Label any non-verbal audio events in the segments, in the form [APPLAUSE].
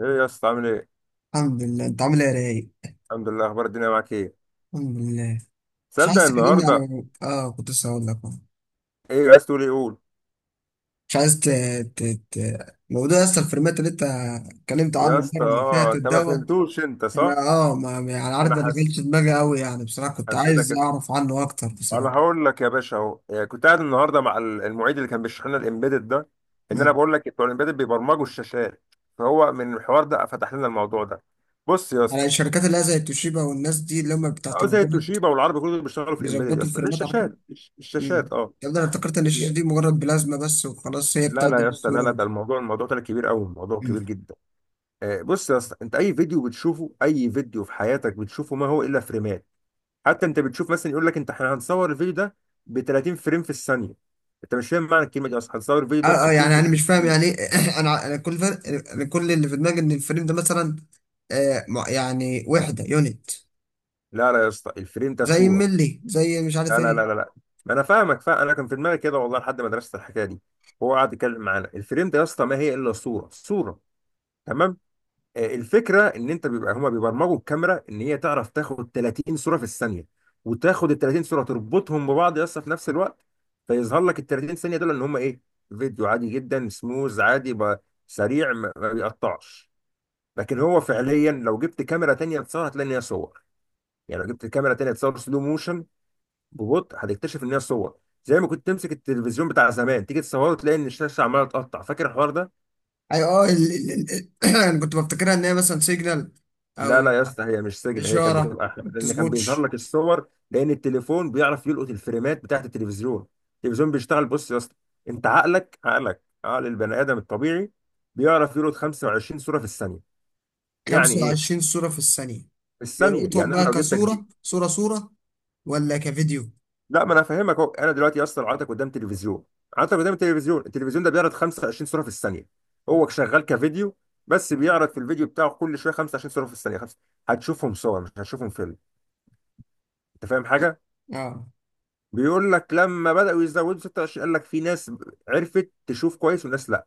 ايه يا اسطى، عامل ايه؟ الحمد لله. انت عامل ايه يا رايق؟ الحمد لله، اخبار الدنيا معاك ايه؟ الحمد لله. مش تصدق عايز تكلمني على النهارده. كنت لسه هقول لك اهو. ايه عايز تقول، ايه قول. مش عايز ت... موضوع اصلا الفريمات اللي انت اتكلمت عنه يا اسطى المره اللي اه، فاتت انت ما دوت. فهمتوش، انت صح؟ انا ما يعني عارف، انا ما دخلتش دماغي قوي يعني، بصراحه كنت حسيتك عايز كده. اعرف عنه اكتر انا بصراحه. هقول لك يا باشا اهو إيه، كنت قاعد النهارده مع المعيد اللي كان بيشرح لنا الامبيدد ده. ان انا مم. بقول لك بتوع الامبيدد بيبرمجوا الشاشات. فهو من الحوار ده فتح لنا الموضوع ده. بص يا على اسطى. الشركات اللي هي زي توشيبا والناس دي اللي هم بتاعت اه زي البورد، التوشيبا والعربي كله بيشتغلوا في الامبيدد يا بيظبطوا اسطى، ليه الفريمات على كده. الشاشات امم الشاشات اه. ده انا افتكرت ان الشاشه دي مجرد بلازما بس وخلاص، هي لا لا بتعدل يا اسطى، لا الصوره لا، ده وده. الموضوع ده كبير قوي، الموضوع كبير جدا. آه، بص يا اسطى، انت اي فيديو بتشوفه، اي فيديو في حياتك بتشوفه ما هو الا فريمات. حتى انت بتشوف مثلا، يقول لك انت احنا هنصور الفيديو ده ب 30 فريم في الثانيه. انت مش فاهم معنى الكلمه دي اصلا، هنصور الفيديو ده ب اه 60 يعني فريم انا في مش فاهم يعني الثانيه. ايه. [CLEARS THROAT] انا كل اللي في دماغي ان الفريم ده مثلا يعني وحده يونت. لا لا يا اسطى، الفريم ده زي صوره. ملي، زي مش عارف لا لا لا ايه. لا لا. ما انا فاهمك، فاهم، انا كان في دماغي كده والله لحد ما درست الحكايه دي. هو قعد يتكلم معانا الفريم ده يا اسطى ما هي الا صوره صوره. تمام. آه، الفكره ان انت بيبقى هما بيبرمجوا الكاميرا ان هي تعرف تاخد 30 صوره في الثانيه. وتاخد ال 30 صوره تربطهم ببعض، يس، في نفس الوقت. فيظهر لك ال 30 ثانيه دول ان هما ايه، فيديو عادي جدا، سموز عادي سريع، ما بيقطعش. لكن هو فعليا لو جبت كاميرا تانية تصور هتلاقي ان هي صور. يعني لو جبت كاميرا تانية تصور سلو موشن، ببطء هتكتشف ان هي صور. زي ما كنت تمسك التلفزيون بتاع زمان تيجي تصوره، تلاقي ان الشاشه عماله تقطع، فاكر الحوار ده؟ اي اه ال... ال... ال... [CLEARS THROAT] انا كنت بفتكرها ان هي مثلا سيجنال لا لا او يا اسطى، هي مش سجن، هي كانت اشاره بتبقى احلى ما لان كان بيظهر بتظبطش. لك الصور، لان التليفون بيعرف يلقط الفريمات بتاعت التلفزيون. التلفزيون بيشتغل، بص يا اسطى، انت عقلك عقل البني ادم الطبيعي بيعرف يلقط 25 صوره في الثانيه. يعني ايه 25 صوره في الثانيه؟ في الثانيه؟ بيلقطهم يعني انا بقى لو جبتك دي. كصوره صوره صوره ولا كفيديو؟ لا، ما انا فاهمك اهو، انا دلوقتي يا اسطى قعدتك قدام تلفزيون. قعدتك قدام التلفزيون، التلفزيون ده بيعرض 25 صوره في الثانيه. هو شغال كفيديو، بس بيعرض في الفيديو بتاعه كل شويه 25 صوره في الثانيه خمسة. هتشوفهم صور، مش هتشوفهم فيلم. انت فاهم حاجه؟ اه بيقول لك لما بدأوا يزودوا 26، قال لك في ناس عرفت تشوف كويس وناس لا.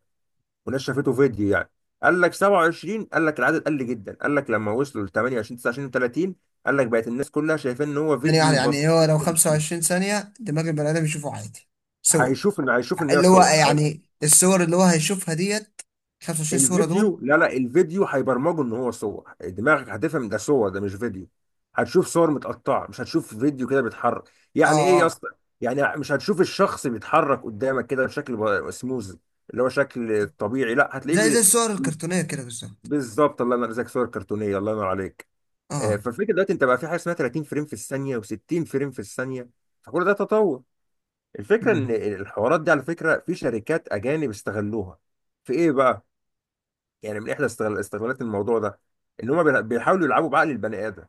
وناس شافته فيديو يعني. قال لك 27، قال لك العدد قل جدا، قال لك لما وصلوا ل 28 29 30 قال لك بقت الناس كلها شايفين ان هو يعني فيديو بسيط. هو لو 25 ثانيه دماغ البني ادم يشوفه عادي، صور. هيشوف ان هي اللي هو صور. يعني الصور اللي هو هيشوفها ديت 25 صورة دول. الفيديو، لا لا، الفيديو هيبرمجه ان هو صور، دماغك هتفهم ده صور، ده مش فيديو. هتشوف صور متقطعه، مش هتشوف فيديو كده بيتحرك، يعني اه ايه يا اه اسطى؟ يعني مش هتشوف الشخص بيتحرك قدامك كده بشكل سموز، اللي هو شكل طبيعي، لا هتلاقيه زي الصور الكرتونية كده بالظبط. بالظبط، الله ينور عليك، صور كرتونيه، الله ينور عليك. آه، اه. فالفكره دلوقتي انت بقى في حاجه اسمها 30 فريم في الثانيه و60 فريم في الثانيه، فكل ده تطور. الفكره ان مم. الحوارات دي على فكره في شركات اجانب استغلوها. في ايه بقى؟ يعني من احدى استغلالات الموضوع ده ان هما بيحاولوا يلعبوا بعقل البني ادم.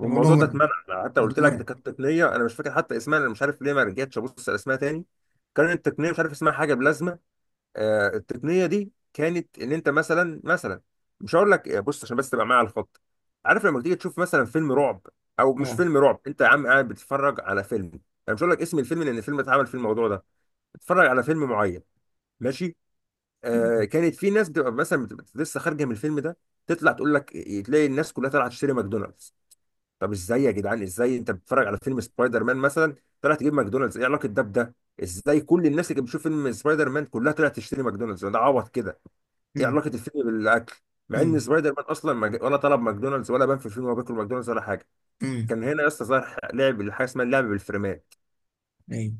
ده موضوع ده مرعب، اتمنع، أنا حتى قلت موضوع لك ده مرعب. كانت تقنيه، انا مش فاكر حتى اسمها، انا مش عارف ليه ما رجعتش ابص على اسمها تاني. كانت التقنيه مش عارف اسمها، حاجه بلازما. آه التقنيه دي كانت ان انت مثلا، مش هقول لك، آه، بص عشان بس تبقى معايا على الخط. عارف لما تيجي تشوف مثلا فيلم رعب، او مش اه. فيلم رعب، انت يا عم قاعد بتتفرج على فيلم، انا مش هقول لك اسم الفيلم لان الفيلم اتعمل في الموضوع ده، بتتفرج على فيلم معين، ماشي. آه، كانت في ناس بتبقى مثلا بتبقى لسه خارجه من الفيلم ده، تطلع تقول لك تلاقي الناس كلها طالعه تشتري ماكدونالدز. طب ازاي يا جدعان، ازاي انت بتتفرج على فيلم سبايدر مان مثلا، طلع تجيب ماكدونالدز، ايه علاقه ده بده؟ ازاي كل الناس اللي كانت بتشوف فيلم سبايدر مان كلها طلعت تشتري ماكدونالدز، ده عبط كده، ايه امم علاقه الفيلم بالاكل؟ مع ان امم سبايدر مان اصلا ما جا- ولا طلب ماكدونالدز، ولا بان في الفيلم هو بياكل ماكدونالدز ولا حاجه. امم كان هنا يا اسطى ظهر لعب حاجه اسمها اللعب بالفريمات. ايوه.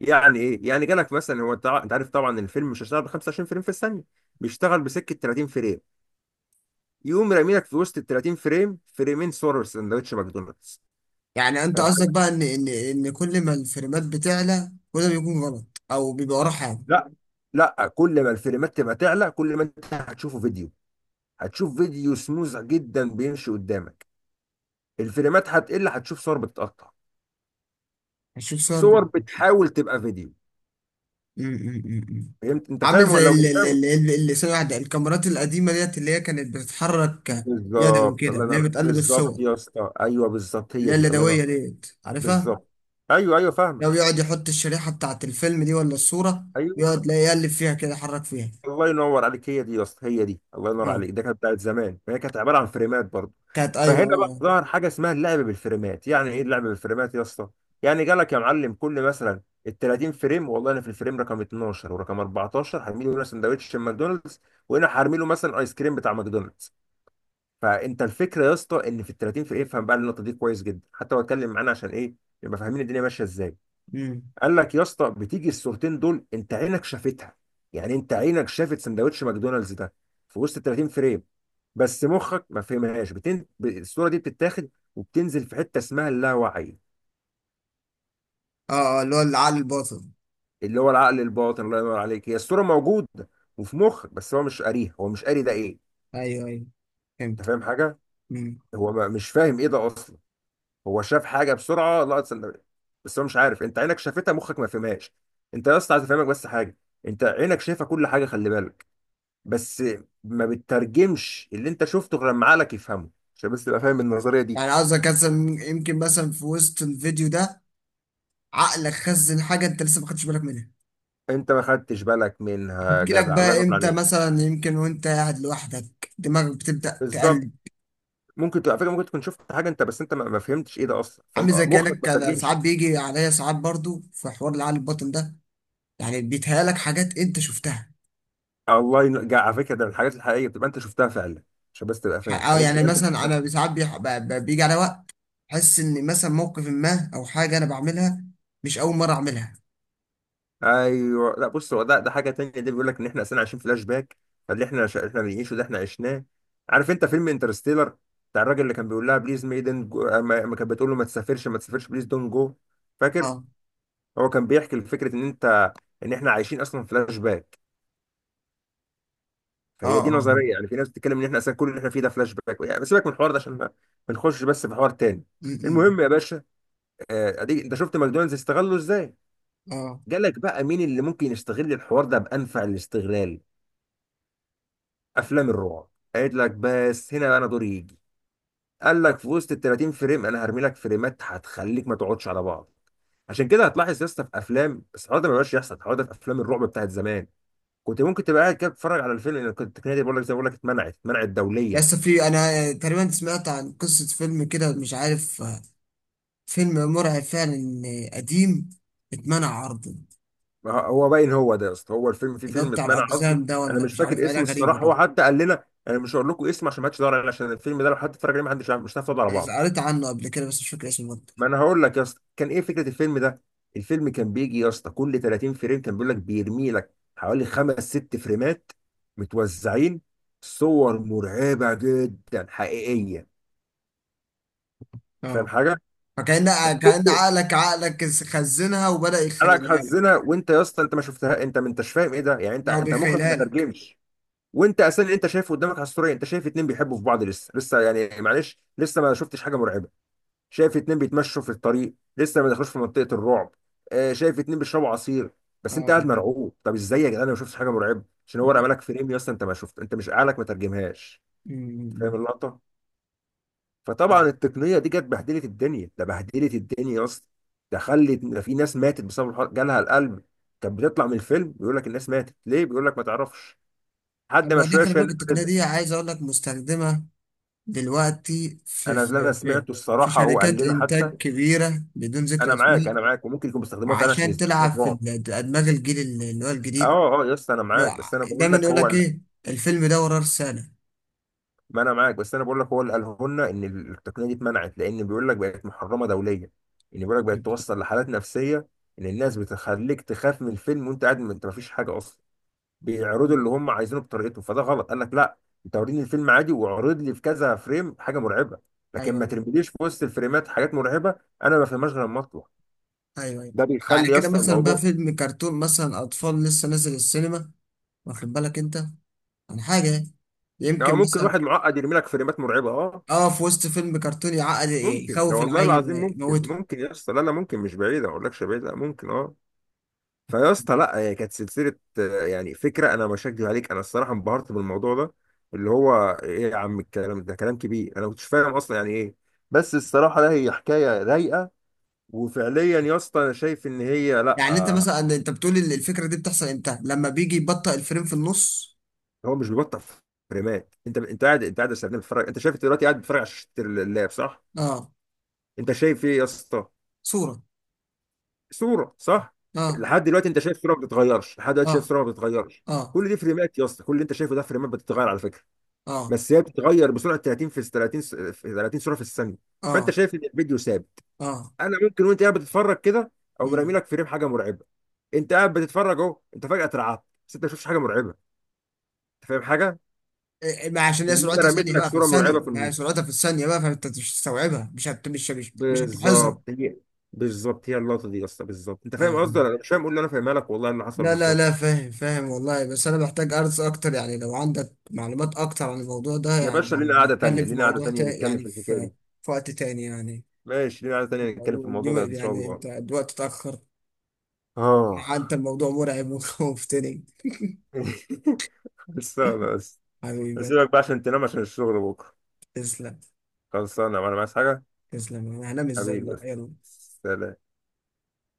يعني ايه؟ يعني جالك مثلا، هو انت عارف طبعا الفيلم مش هيشتغل ب 25 فريم في الثانيه، بيشتغل بسكه 30 فريم، يقوم راميلك في وسط ال 30 فريم فريمين صور سندوتش ماكدونالدز. يعني انت فاهم قصدك حاجه؟ بقى ان ان كل ما الفريمات بتعلى كل ما بيكون غلط او بيبقى وراه حاجه؟ لا لا، كل ما الفريمات تبقى تعلى كل ما انت هتشوفه فيديو، هتشوف فيديو سموز جدا بيمشي قدامك. الفريمات هتقل، هتشوف صور بتتقطع، هشوف صور بقى. صور بتحاول تبقى فيديو. أمم، أمم، أمم. فهمت، انت عامل فاهم ولا زي لو مش فاهم؟ اللي سنة واحدة، الكاميرات القديمة ديت اللي هي كانت بتتحرك يدوي بالظبط، كده، الله اللي هي ينور، بتقلب بالظبط الصور، يا اسطى، ايوه بالظبط، اللي هي هي دي، الله ينور. اليدوية ديت، عارفها؟ بالظبط، ايوه ايوه لو فاهمك. يقعد يحط الشريحة بتاعت الفيلم دي ولا الصورة، ايوه يقعد لا يقلب فيها كده يحرك فيها. الله ينور عليك، هي دي يا اسطى هي دي، الله ينور اه. عليك. ده كانت بتاعت زمان فهي كانت عباره عن فريمات برضه. كانت، أيوه، فهنا بقى اه. ظهر حاجه اسمها اللعب بالفريمات، يعني ايه اللعب بالفريمات يا اسطى؟ يعني جالك يا معلم، كل مثلا ال 30 فريم، والله انا في الفريم رقم 12 ورقم 14 هرمي له هنا سندوتش ماكدونالدز، وهنا هرمي له مثلا ايس كريم بتاع ماكدونالدز. فانت الفكره يا اسطى ان في ال 30 فريم، افهم بقى النقطه دي كويس جدا، حتى هو اتكلم معانا عشان ايه يبقى فاهمين الدنيا ماشيه ازاي. أمم. قال لك يا اسطى بتيجي الصورتين دول انت عينك شافتها، يعني انت عينك شافت سندوتش ماكدونالدز ده في وسط 30 فريم، بس مخك ما فهمهاش. الصوره دي بتتاخد وبتنزل في حته اسمها اللاوعي، اه اه، اللي هو العقل الباطن. اللي هو العقل الباطن، الله ينور عليك. هي الصوره موجوده وفي مخك، بس هو مش قاريها، هو مش قاري ده ايه. أيوه أيوه، انت فهمت. فاهم حاجه؟ أمم. هو ما... مش فاهم ايه ده اصلا، هو شاف حاجه بسرعه، لقط سندوتش، بس هو مش عارف. انت عينك شافتها، مخك ما فهمهاش. انت يا اسطى عايز افهمك بس حاجه، انت عينك شايفه كل حاجه، خلي بالك، بس ما بتترجمش اللي انت شفته غير لما عقلك يفهمه، عشان بس تبقى فاهم النظريه دي. يعني قصدك مثلا، يمكن مثلا في وسط الفيديو ده عقلك خزن حاجة أنت لسه ما خدتش بالك منها، انت ما خدتش بالك منها يا هتجيلك جدع، الله بقى ينور إمتى، عليك. مثلا يمكن وأنت قاعد لوحدك دماغك بتبدأ بالظبط. تقلب. ممكن تبقى على فكره، ممكن تكون شفت حاجه انت، بس انت ما فهمتش ايه ده اصلا، عامل زي فمخك كأنك، ما كان ساعات ترجمش. بيجي عليا ساعات برضو في حوار العقل الباطن ده، يعني بيتهيألك حاجات أنت شفتها. الله ينور، على فكره ده من الحاجات الحقيقيه بتبقى انت شفتها فعلا، عشان بس تبقى فاهم اه، الحاجات دي. يعني مثلا انا ساعات بيجي على وقت احس ان مثلا موقف ما او حاجه انا بعملها مش اول مره اعملها. ايوه، لا بص هو ده حاجه تانية، ده بيقول لك ان احنا اصلا عايشين فلاش باك. فاللي احنا احنا بنعيشه ده احنا عشناه. عارف انت فيلم انترستيلر، بتاع الراجل اللي كان بيقول لها بليز ميدن جو... ما... ما كانت بتقول له ما تسافرش ما تسافرش، بليز دون جو، فاكر؟ اه هو كان بيحكي لفكره ان انت، ان احنا عايشين اصلا فلاش باك. اه فهي دي اه م- نظريه، يعني في ناس بتتكلم ان احنا اصلا كل اللي احنا فيه ده فلاش باك، يعني سيبك من الحوار ده عشان ما نخش بس في حوار تاني. م- المهم يا باشا، آه، اديك انت شفت ماكدونالدز استغله ازاي، اه. جالك بقى مين اللي ممكن يستغل الحوار ده بانفع الاستغلال، افلام الرعب. قالت لك بس هنا بقى انا دوري يجي، قال لك في وسط ال 30 فريم انا هرمي لك فريمات هتخليك ما تقعدش على بعض. عشان كده هتلاحظ يا اسطى في افلام، بس الحوار ده ما بقاش يحصل، الحوار ده في افلام الرعب بتاعت زمان، كنت ممكن تبقى قاعد كده بتتفرج على الفيلم، لان كنت التقنيه دي بقول لك زي ما بقول لك اتمنعت، اتمنعت دوليا. يس، في، انا تقريبا سمعت عن قصه فيلم كده مش عارف، آه، فيلم مرعب فعلا، آه، قديم، اتمنع عرضه. ما هو هو باين هو ده يا اسطى، هو الفيلم، في اللي هو فيلم بتاع اتمنع قصده. الاقزام ده انا ولا مش مش عارف، فاكر حاجه اسمه غريبه الصراحه، هو كده. حتى قال لنا انا مش هقول لكم اسمه عشان ما حدش يدور عليه، عشان الفيلم ده لو حد اتفرج عليه ما حدش مش هتعرف تقعد على بعض. انا قريت عنه قبل كده بس مش فاكر اسمه برضه. ما انا هقول لك يا اسطى كان ايه فكره الفيلم ده. الفيلم كان بيجي يا اسطى كل 30 فريم، كان بيقول لك بيرمي لك حوالي خمس ست فريمات متوزعين، صور مرعبه جدا حقيقيه. أنت فاهم اه. حاجه؟ فكأن، كأن فكنت عقلك، خزنها وبدأ حالك يخيلها حزنه، لك وانت يا اسطى انت ما شفتها، انت ما انتش فاهم ايه ده، يعني انت، او مخك ما بيخيلها لك. ترجمش. وانت اساسا اللي انت شايفه قدامك على الصوره إيه؟ انت شايف اتنين بيحبوا في بعض لسه لسه، يعني معلش لسه ما شفتش حاجه مرعبه، شايف اتنين بيتمشوا في الطريق لسه ما دخلوش في منطقة الرعب. آه، شايف اتنين بيشربوا عصير، بس انت قاعد اه. مرعوب. طب ازاي يا جدعان، انا ما شفتش حاجة مرعبة، عشان هو رمى لك فريم يا اسطى انت ما شفت، انت مش عقلك ما ترجمهاش. فاهم مم. اللقطة؟ فطبعا التقنية دي جت بهدلت الدنيا، ده بهدلت الدنيا يا اسطى، ده خلت، ده في ناس ماتت بسبب الحوار، جالها القلب. كانت بتطلع من الفيلم، بيقول لك الناس ماتت ليه، بيقول لك ما تعرفش، طب حد ما ما هو دي، شويه خلي شويه بالك الناس التقنية نزلت. دي عايز أقول لك مستخدمة دلوقتي في انا اللي انا في سمعته في الصراحه هو قال شركات لنا حتى. إنتاج كبيرة بدون ذكر انا أسماء، معاك، انا معاك، وممكن يكون بيستخدموها فعلا عشان عشان يزودوا تلعب في الرعب. أدماغ الجيل اللي هو الجديد. اه اه يا اسطى انا لو معاك، بس انا بقول دايما لك يقول هو لك إيه، الفيلم ده وراه رسالة. ما انا معاك، بس انا بقول لك هو اللي قاله لنا ان التقنيه دي اتمنعت، لان بيقول لك بقت محرمه دوليا، ان بيقول لك بقت مم. توصل لحالات نفسيه، ان الناس بتخليك تخاف من الفيلم وانت قاعد ما انت ما فيش حاجه اصلا، بيعرضوا اللي هم عايزينه بطريقتهم، فده غلط. قال لك لا، انت وريني الفيلم عادي واعرض لي في كذا فريم حاجه مرعبه، لكن أيوه ما أيوه، ترميليش في وسط الفريمات حاجات مرعبه، انا ما فهمهاش غير لما اطلع. أيوه أيوه. ده على بيخلي يا كده اسطى مثلا بقى الموضوع. فيلم كرتون مثلا أطفال لسه نازل السينما، واخد بالك أنت عن حاجة؟ يعني يمكن ممكن مثلا، واحد معقد يرمي لك فريمات مرعبه، اه اه، في وسط فيلم كرتون يعقد ممكن، ده يخوف والله العيل العظيم ممكن، ويموته. ممكن يا اسطى، لا لا ممكن، مش بعيدة، ما اقولكش بعيدة، ممكن اه. فيا اسطى لا، هي كانت سلسلة، آه، يعني فكرة انا مش هكدب عليك، انا الصراحة انبهرت بالموضوع ده، اللي هو ايه يا عم، الكلام ده كلام كبير، انا ما كنتش فاهم اصلا يعني ايه، بس الصراحة لا هي حكاية رايقة. وفعليا يا اسطى انا شايف ان هي لا، يعني انت آه، مثلا، انت بتقول الفكره دي بتحصل امتى، لما بيجي يبطئ الفريم في النص؟ هو مش بيبطل فريمات. انت قاعد يا سلام بتتفرج، انت شايف دلوقتي قاعد بتتفرج على شاشة اللاب، صح؟ اه. انت شايف ايه يا اسطى؟ صوره. صوره، صح؟ اه لحد دلوقتي انت شايف صوره ما بتتغيرش، لحد دلوقتي اه شايف صوره ما بتتغيرش. اه كل دي فريمات يا اسطى، كل اللي انت شايفه ده فريمات بتتغير على فكره، اه بس هي بتتغير بسرعه 30 في 30 في 30 صوره في الثانيه، فانت اه شايف ان الفيديو ثابت. اه انا ممكن وانت قاعد بتتفرج كده او مرمي مم. لك فريم حاجه مرعبه، انت قاعد بتتفرج اهو، انت فجاه اترعبت، بس انت ما شفتش حاجه مرعبه. انت فاهم حاجه؟ إيه، إيه، ما عشان هي لان انا سرعتها رميت ثانيه لك بقى في صوره الثانيه، مرعبه في ما هي النص. سرعتها في الثانيه بقى، فانت مش هتستوعبها، مش هتلاحظها. بالظبط هي، بالظبط هي اللقطه دي يا اسطى، بالظبط. انت فاهم اه. قصدي ولا لا؟ مش فاهم، قول لي، انا فاهمها لك والله، إيه اللي حصل لا لا لا، بالظبط. فاهم فاهم والله، بس انا محتاج ارز اكتر يعني. لو عندك معلومات اكتر عن الموضوع ده يا باشا يعني لينا قعدة تانية، نتكلم في لينا قعدة موضوع تانية نتكلم يعني في الحكاية في دي. في وقت تاني يعني. ماشي، لينا قعدة تانية نتكلم في الموضوع الموضوع، ده إن شاء يعني الله. انت الوقت اتاخر، آه. حتى الموضوع مرعب [LAUGHS] ومفتري. [LAUGHS] خلصانة بس. حبيبي، أسيبك بقى عشان تنام، عشان الشغل بكرة. تسلم. خلصانة وأنا عايز حاجة. تسلم. انا هنام ازاي حبيبي بقى؟ بس. يلا. سلام.